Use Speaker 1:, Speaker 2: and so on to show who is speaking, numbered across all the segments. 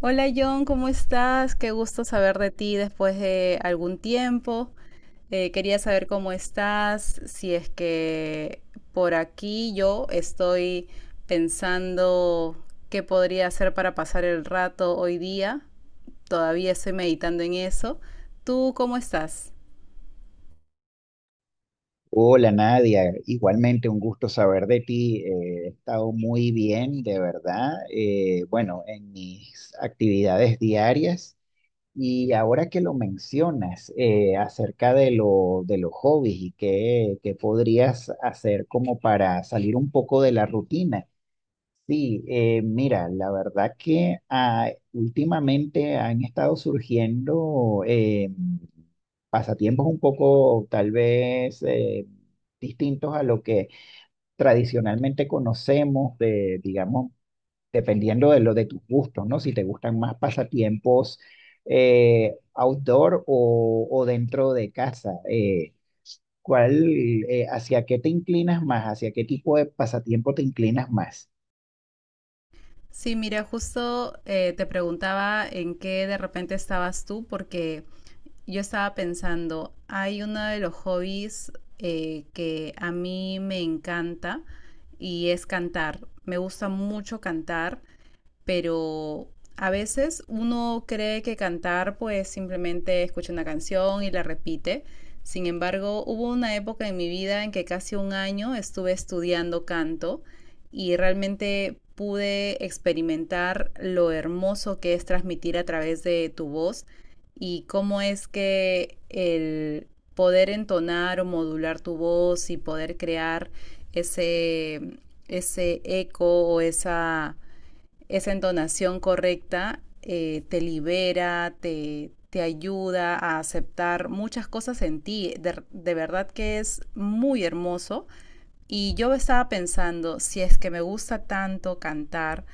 Speaker 1: Hola John, ¿cómo estás? Qué gusto saber de ti después de algún tiempo. Quería saber cómo estás, si es que por aquí yo estoy pensando qué podría hacer para pasar el rato hoy día. Todavía estoy meditando en eso. ¿Tú cómo estás?
Speaker 2: Hola Nadia, igualmente un gusto saber de ti. He estado muy bien, de verdad. Bueno, en mis actividades diarias y ahora que lo mencionas acerca de los hobbies y qué podrías hacer como para salir un poco de la rutina. Sí, mira, la verdad que últimamente han estado surgiendo pasatiempos un poco tal vez distintos a lo que tradicionalmente conocemos de, digamos, dependiendo de tus gustos, ¿no? Si te gustan más pasatiempos outdoor o dentro de casa. ¿Cuál, Hacia qué te inclinas más? ¿Hacia qué tipo de pasatiempo te inclinas más?
Speaker 1: Sí, mira, justo te preguntaba en qué de repente estabas tú, porque yo estaba pensando, hay uno de los hobbies que a mí me encanta y es cantar. Me gusta mucho cantar, pero a veces uno cree que cantar pues simplemente escucha una canción y la repite. Sin embargo, hubo una época en mi vida en que casi un año estuve estudiando canto y realmente pude experimentar lo hermoso que es transmitir a través de tu voz y cómo es que el poder entonar o modular tu voz y poder crear ese, ese eco o esa entonación correcta te libera, te ayuda a aceptar muchas cosas en ti. Verdad que es muy hermoso. Y yo estaba pensando, si es que me gusta tanto cantar,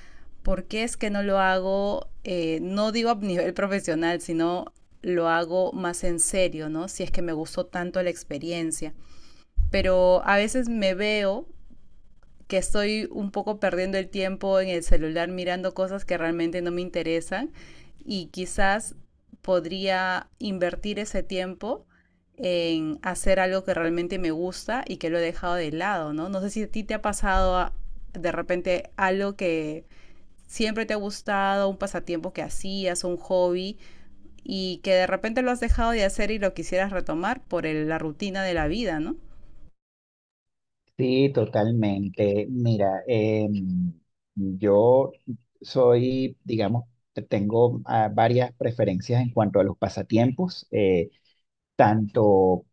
Speaker 1: ¿por qué es que no lo hago? Eh, no digo a nivel profesional, sino lo hago más en serio, ¿no? Si es que me gustó tanto la experiencia. Pero a veces me veo que estoy un poco perdiendo el tiempo en el celular mirando cosas que realmente no me interesan, y quizás podría invertir ese tiempo en hacer algo que realmente me gusta y que lo he dejado de lado, ¿no? No sé si a ti te ha pasado, ah, de repente algo que siempre te ha gustado, un pasatiempo que hacías, un hobby, y que de repente lo has dejado de hacer y lo quisieras retomar por el, la rutina de la vida, ¿no?
Speaker 2: Sí, totalmente. Mira, yo soy, digamos, tengo varias preferencias en cuanto a los pasatiempos, tanto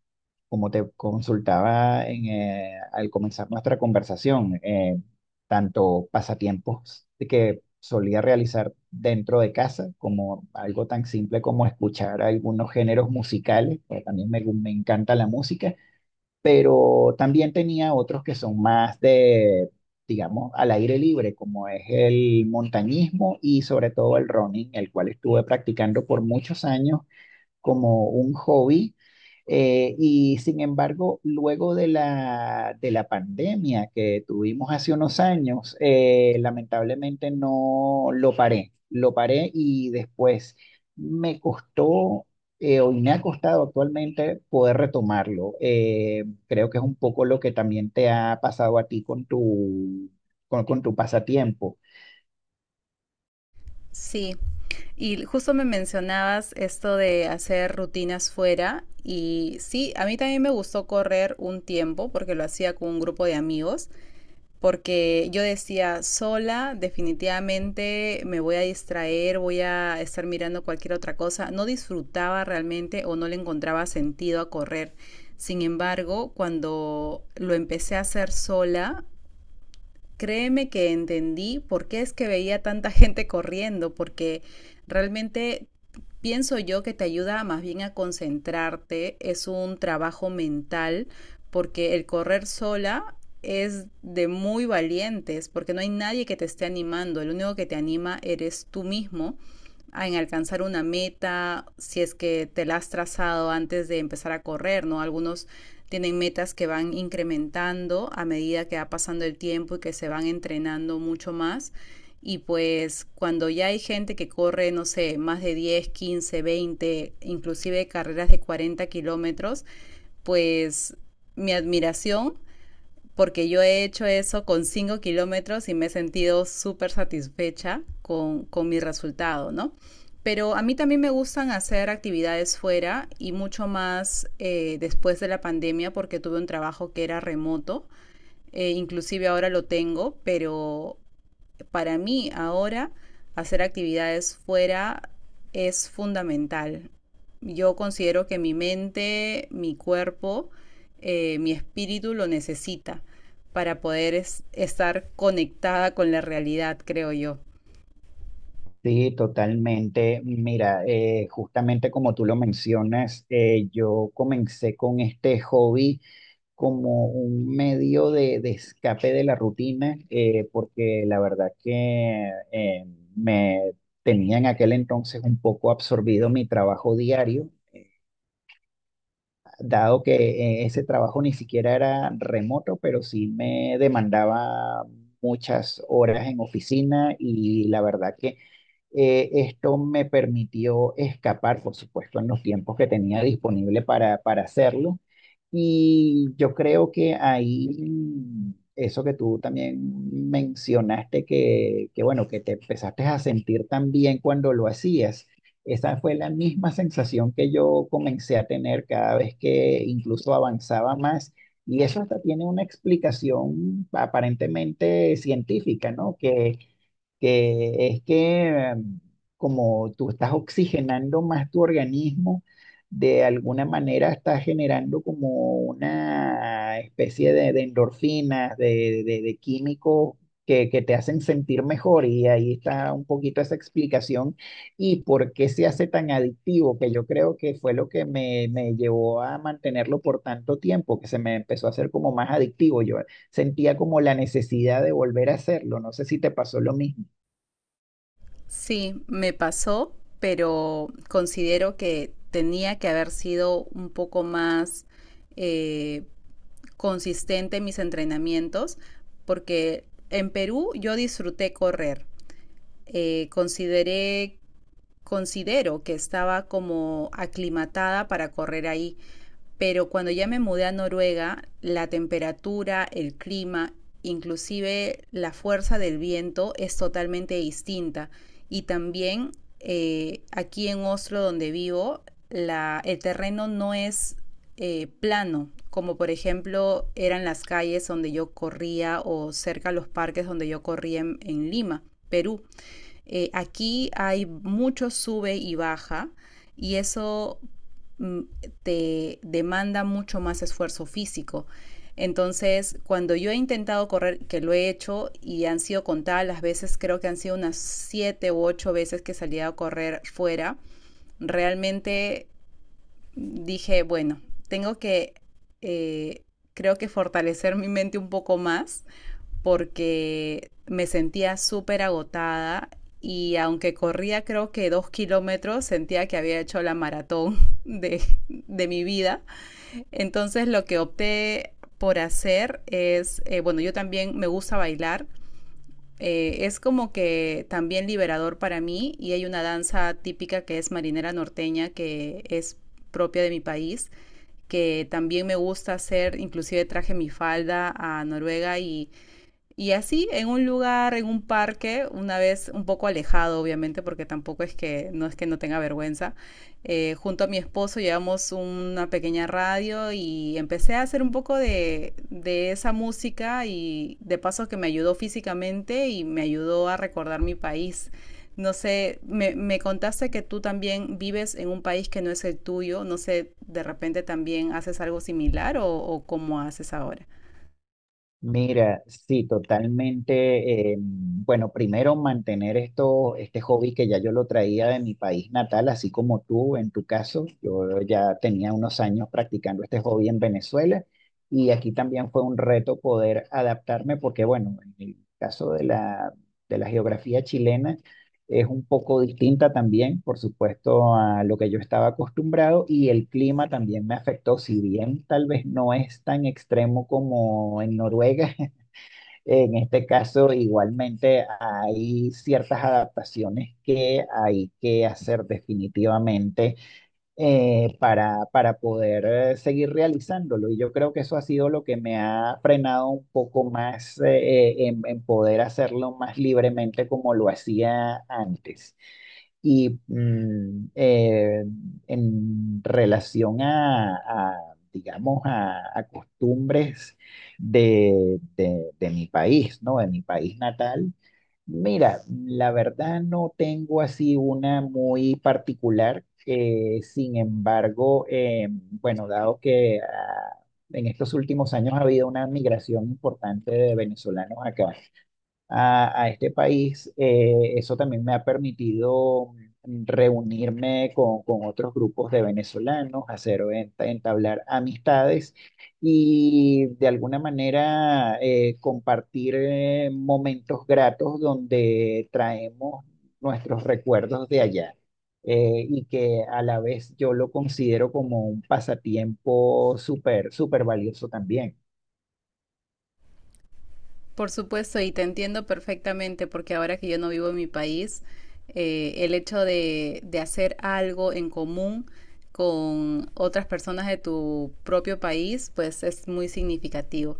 Speaker 2: como te consultaba en al comenzar nuestra conversación, tanto pasatiempos que solía realizar dentro de casa, como algo tan simple como escuchar algunos géneros musicales, porque también me encanta la música, pero también tenía otros que son más de, digamos, al aire libre, como es el montañismo y sobre todo el running, el cual estuve practicando por muchos años como un hobby. Y sin embargo, luego de la pandemia que tuvimos hace unos años, lamentablemente no lo paré, lo paré y después me costó, o me ha costado actualmente poder retomarlo. Creo que es un poco lo que también te ha pasado a ti con con tu pasatiempo.
Speaker 1: Sí, y justo me mencionabas esto de hacer rutinas fuera, y sí, a mí también me gustó correr un tiempo porque lo hacía con un grupo de amigos, porque yo decía, sola definitivamente me voy a distraer, voy a estar mirando cualquier otra cosa, no disfrutaba realmente o no le encontraba sentido a correr. Sin embargo, cuando lo empecé a hacer sola, créeme que entendí por qué es que veía tanta gente corriendo, porque realmente pienso yo que te ayuda más bien a concentrarte, es un trabajo mental, porque el correr sola es de muy valientes, porque no hay nadie que te esté animando, el único que te anima eres tú mismo en alcanzar una meta, si es que te la has trazado antes de empezar a correr, ¿no? Algunos tienen metas que van incrementando a medida que va pasando el tiempo y que se van entrenando mucho más. Y pues cuando ya hay gente que corre, no sé, más de 10, 15, 20, inclusive carreras de 40 km, pues mi admiración, porque yo he hecho eso con 5 km y me he sentido súper satisfecha con mi resultado, ¿no? Pero a mí también me gustan hacer actividades fuera y mucho más después de la pandemia, porque tuve un trabajo que era remoto. Inclusive ahora lo tengo, pero para mí ahora hacer actividades fuera es fundamental. Yo considero que mi mente, mi cuerpo, mi espíritu lo necesita para poder estar conectada con la realidad, creo yo.
Speaker 2: Sí, totalmente. Mira, justamente como tú lo mencionas, yo comencé con este hobby como un medio de escape de la rutina, porque la verdad que me tenía en aquel entonces un poco absorbido mi trabajo diario, dado que ese trabajo ni siquiera era remoto, pero sí me demandaba muchas horas en oficina, y la verdad que esto me permitió escapar, por supuesto, en los tiempos que tenía disponible para hacerlo. Y yo creo que ahí, eso que tú también mencionaste, que bueno, que te empezaste a sentir tan bien cuando lo hacías. Esa fue la misma sensación que yo comencé a tener cada vez que incluso avanzaba más. Y eso hasta tiene una explicación aparentemente científica, ¿no? Que es que como tú estás oxigenando más tu organismo, de alguna manera estás generando como una especie de endorfinas, de químicos que te hacen sentir mejor, y ahí está un poquito esa explicación y por qué se hace tan adictivo, que yo creo que fue lo que me llevó a mantenerlo por tanto tiempo, que se me empezó a hacer como más adictivo. Yo sentía como la necesidad de volver a hacerlo, no sé si te pasó lo mismo.
Speaker 1: Sí, me pasó, pero considero que tenía que haber sido un poco más eh, consistente en mis entrenamientos, porque en Perú yo disfruté correr, consideré, considero que estaba como aclimatada para correr ahí, pero cuando ya me mudé a Noruega, la temperatura, el clima, inclusive la fuerza del viento es totalmente distinta. Y también aquí en Oslo, donde vivo, la, el terreno no es plano, como por ejemplo eran las calles donde yo corría o cerca a los parques donde yo corría en Lima, Perú. Aquí hay mucho sube y baja, y eso mm, te demanda mucho más esfuerzo físico. Entonces, cuando yo he intentado correr, que lo he hecho y han sido contadas las veces, creo que han sido unas siete u ocho veces que salía a correr fuera, realmente dije, bueno, tengo que, eh, creo que fortalecer mi mente un poco más, porque me sentía súper agotada y aunque corría creo que 2 km, sentía que había hecho la maratón de, de mi vida. Entonces lo que opté por hacer es, bueno, yo también me gusta bailar. Es como que también liberador para mí, y hay una danza típica que es marinera norteña, que es propia de mi país, que también me gusta hacer. Inclusive traje mi falda a Noruega, y así, en un lugar, en un parque, una vez un poco alejado, obviamente, porque tampoco es que no es que no tenga vergüenza, junto a mi esposo llevamos una pequeña radio y empecé a hacer un poco de esa música, y de paso que me ayudó físicamente y me ayudó a recordar mi país. No sé, me contaste que tú también vives en un país que no es el tuyo, no sé, de repente también haces algo similar o cómo haces ahora.
Speaker 2: Mira, sí, totalmente. Bueno, primero mantener esto, este hobby que ya yo lo traía de mi país natal, así como tú en tu caso. Yo ya tenía unos años practicando este hobby en Venezuela, y aquí también fue un reto poder adaptarme porque, bueno, en el caso de la geografía chilena, es un poco distinta también, por supuesto, a lo que yo estaba acostumbrado, y el clima también me afectó, si bien tal vez no es tan extremo como en Noruega, en este caso igualmente hay ciertas adaptaciones que hay que hacer definitivamente, para poder seguir realizándolo. Y yo creo que eso ha sido lo que me ha frenado un poco más en poder hacerlo más libremente como lo hacía antes. Y en relación a digamos, a costumbres de mi país, ¿no? De mi país natal, mira, la verdad no tengo así una muy particular. Sin embargo, bueno, dado que en estos últimos años ha habido una migración importante de venezolanos acá a este país, eso también me ha permitido reunirme con otros grupos de venezolanos, hacer, entablar amistades, y de alguna manera compartir momentos gratos donde traemos nuestros recuerdos de allá. Y que a la vez yo lo considero como un pasatiempo súper, súper valioso también.
Speaker 1: Por supuesto, y te entiendo perfectamente, porque ahora que yo no vivo en mi país, el hecho de hacer algo en común con otras personas de tu propio país, pues es muy significativo.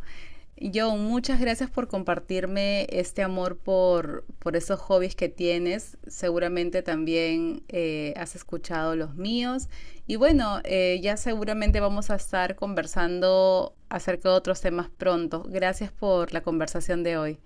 Speaker 1: John, muchas gracias por compartirme este amor por esos hobbies que tienes. Seguramente también has escuchado los míos. Y bueno, ya seguramente vamos a estar conversando acerca de otros temas pronto. Gracias por la conversación de hoy.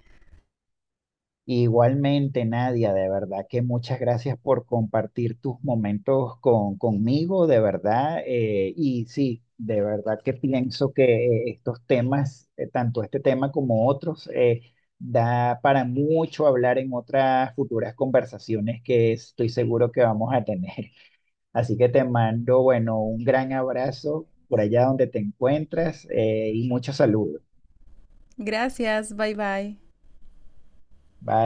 Speaker 2: Igualmente, Nadia, de verdad que muchas gracias por compartir tus momentos conmigo, de verdad. Y sí, de verdad que pienso que estos temas, tanto este tema como otros, da para mucho hablar en otras futuras conversaciones que estoy seguro que vamos a tener. Así que te mando, bueno, un gran abrazo por allá donde te encuentras, y muchos saludos.
Speaker 1: Gracias, bye bye.
Speaker 2: Bye.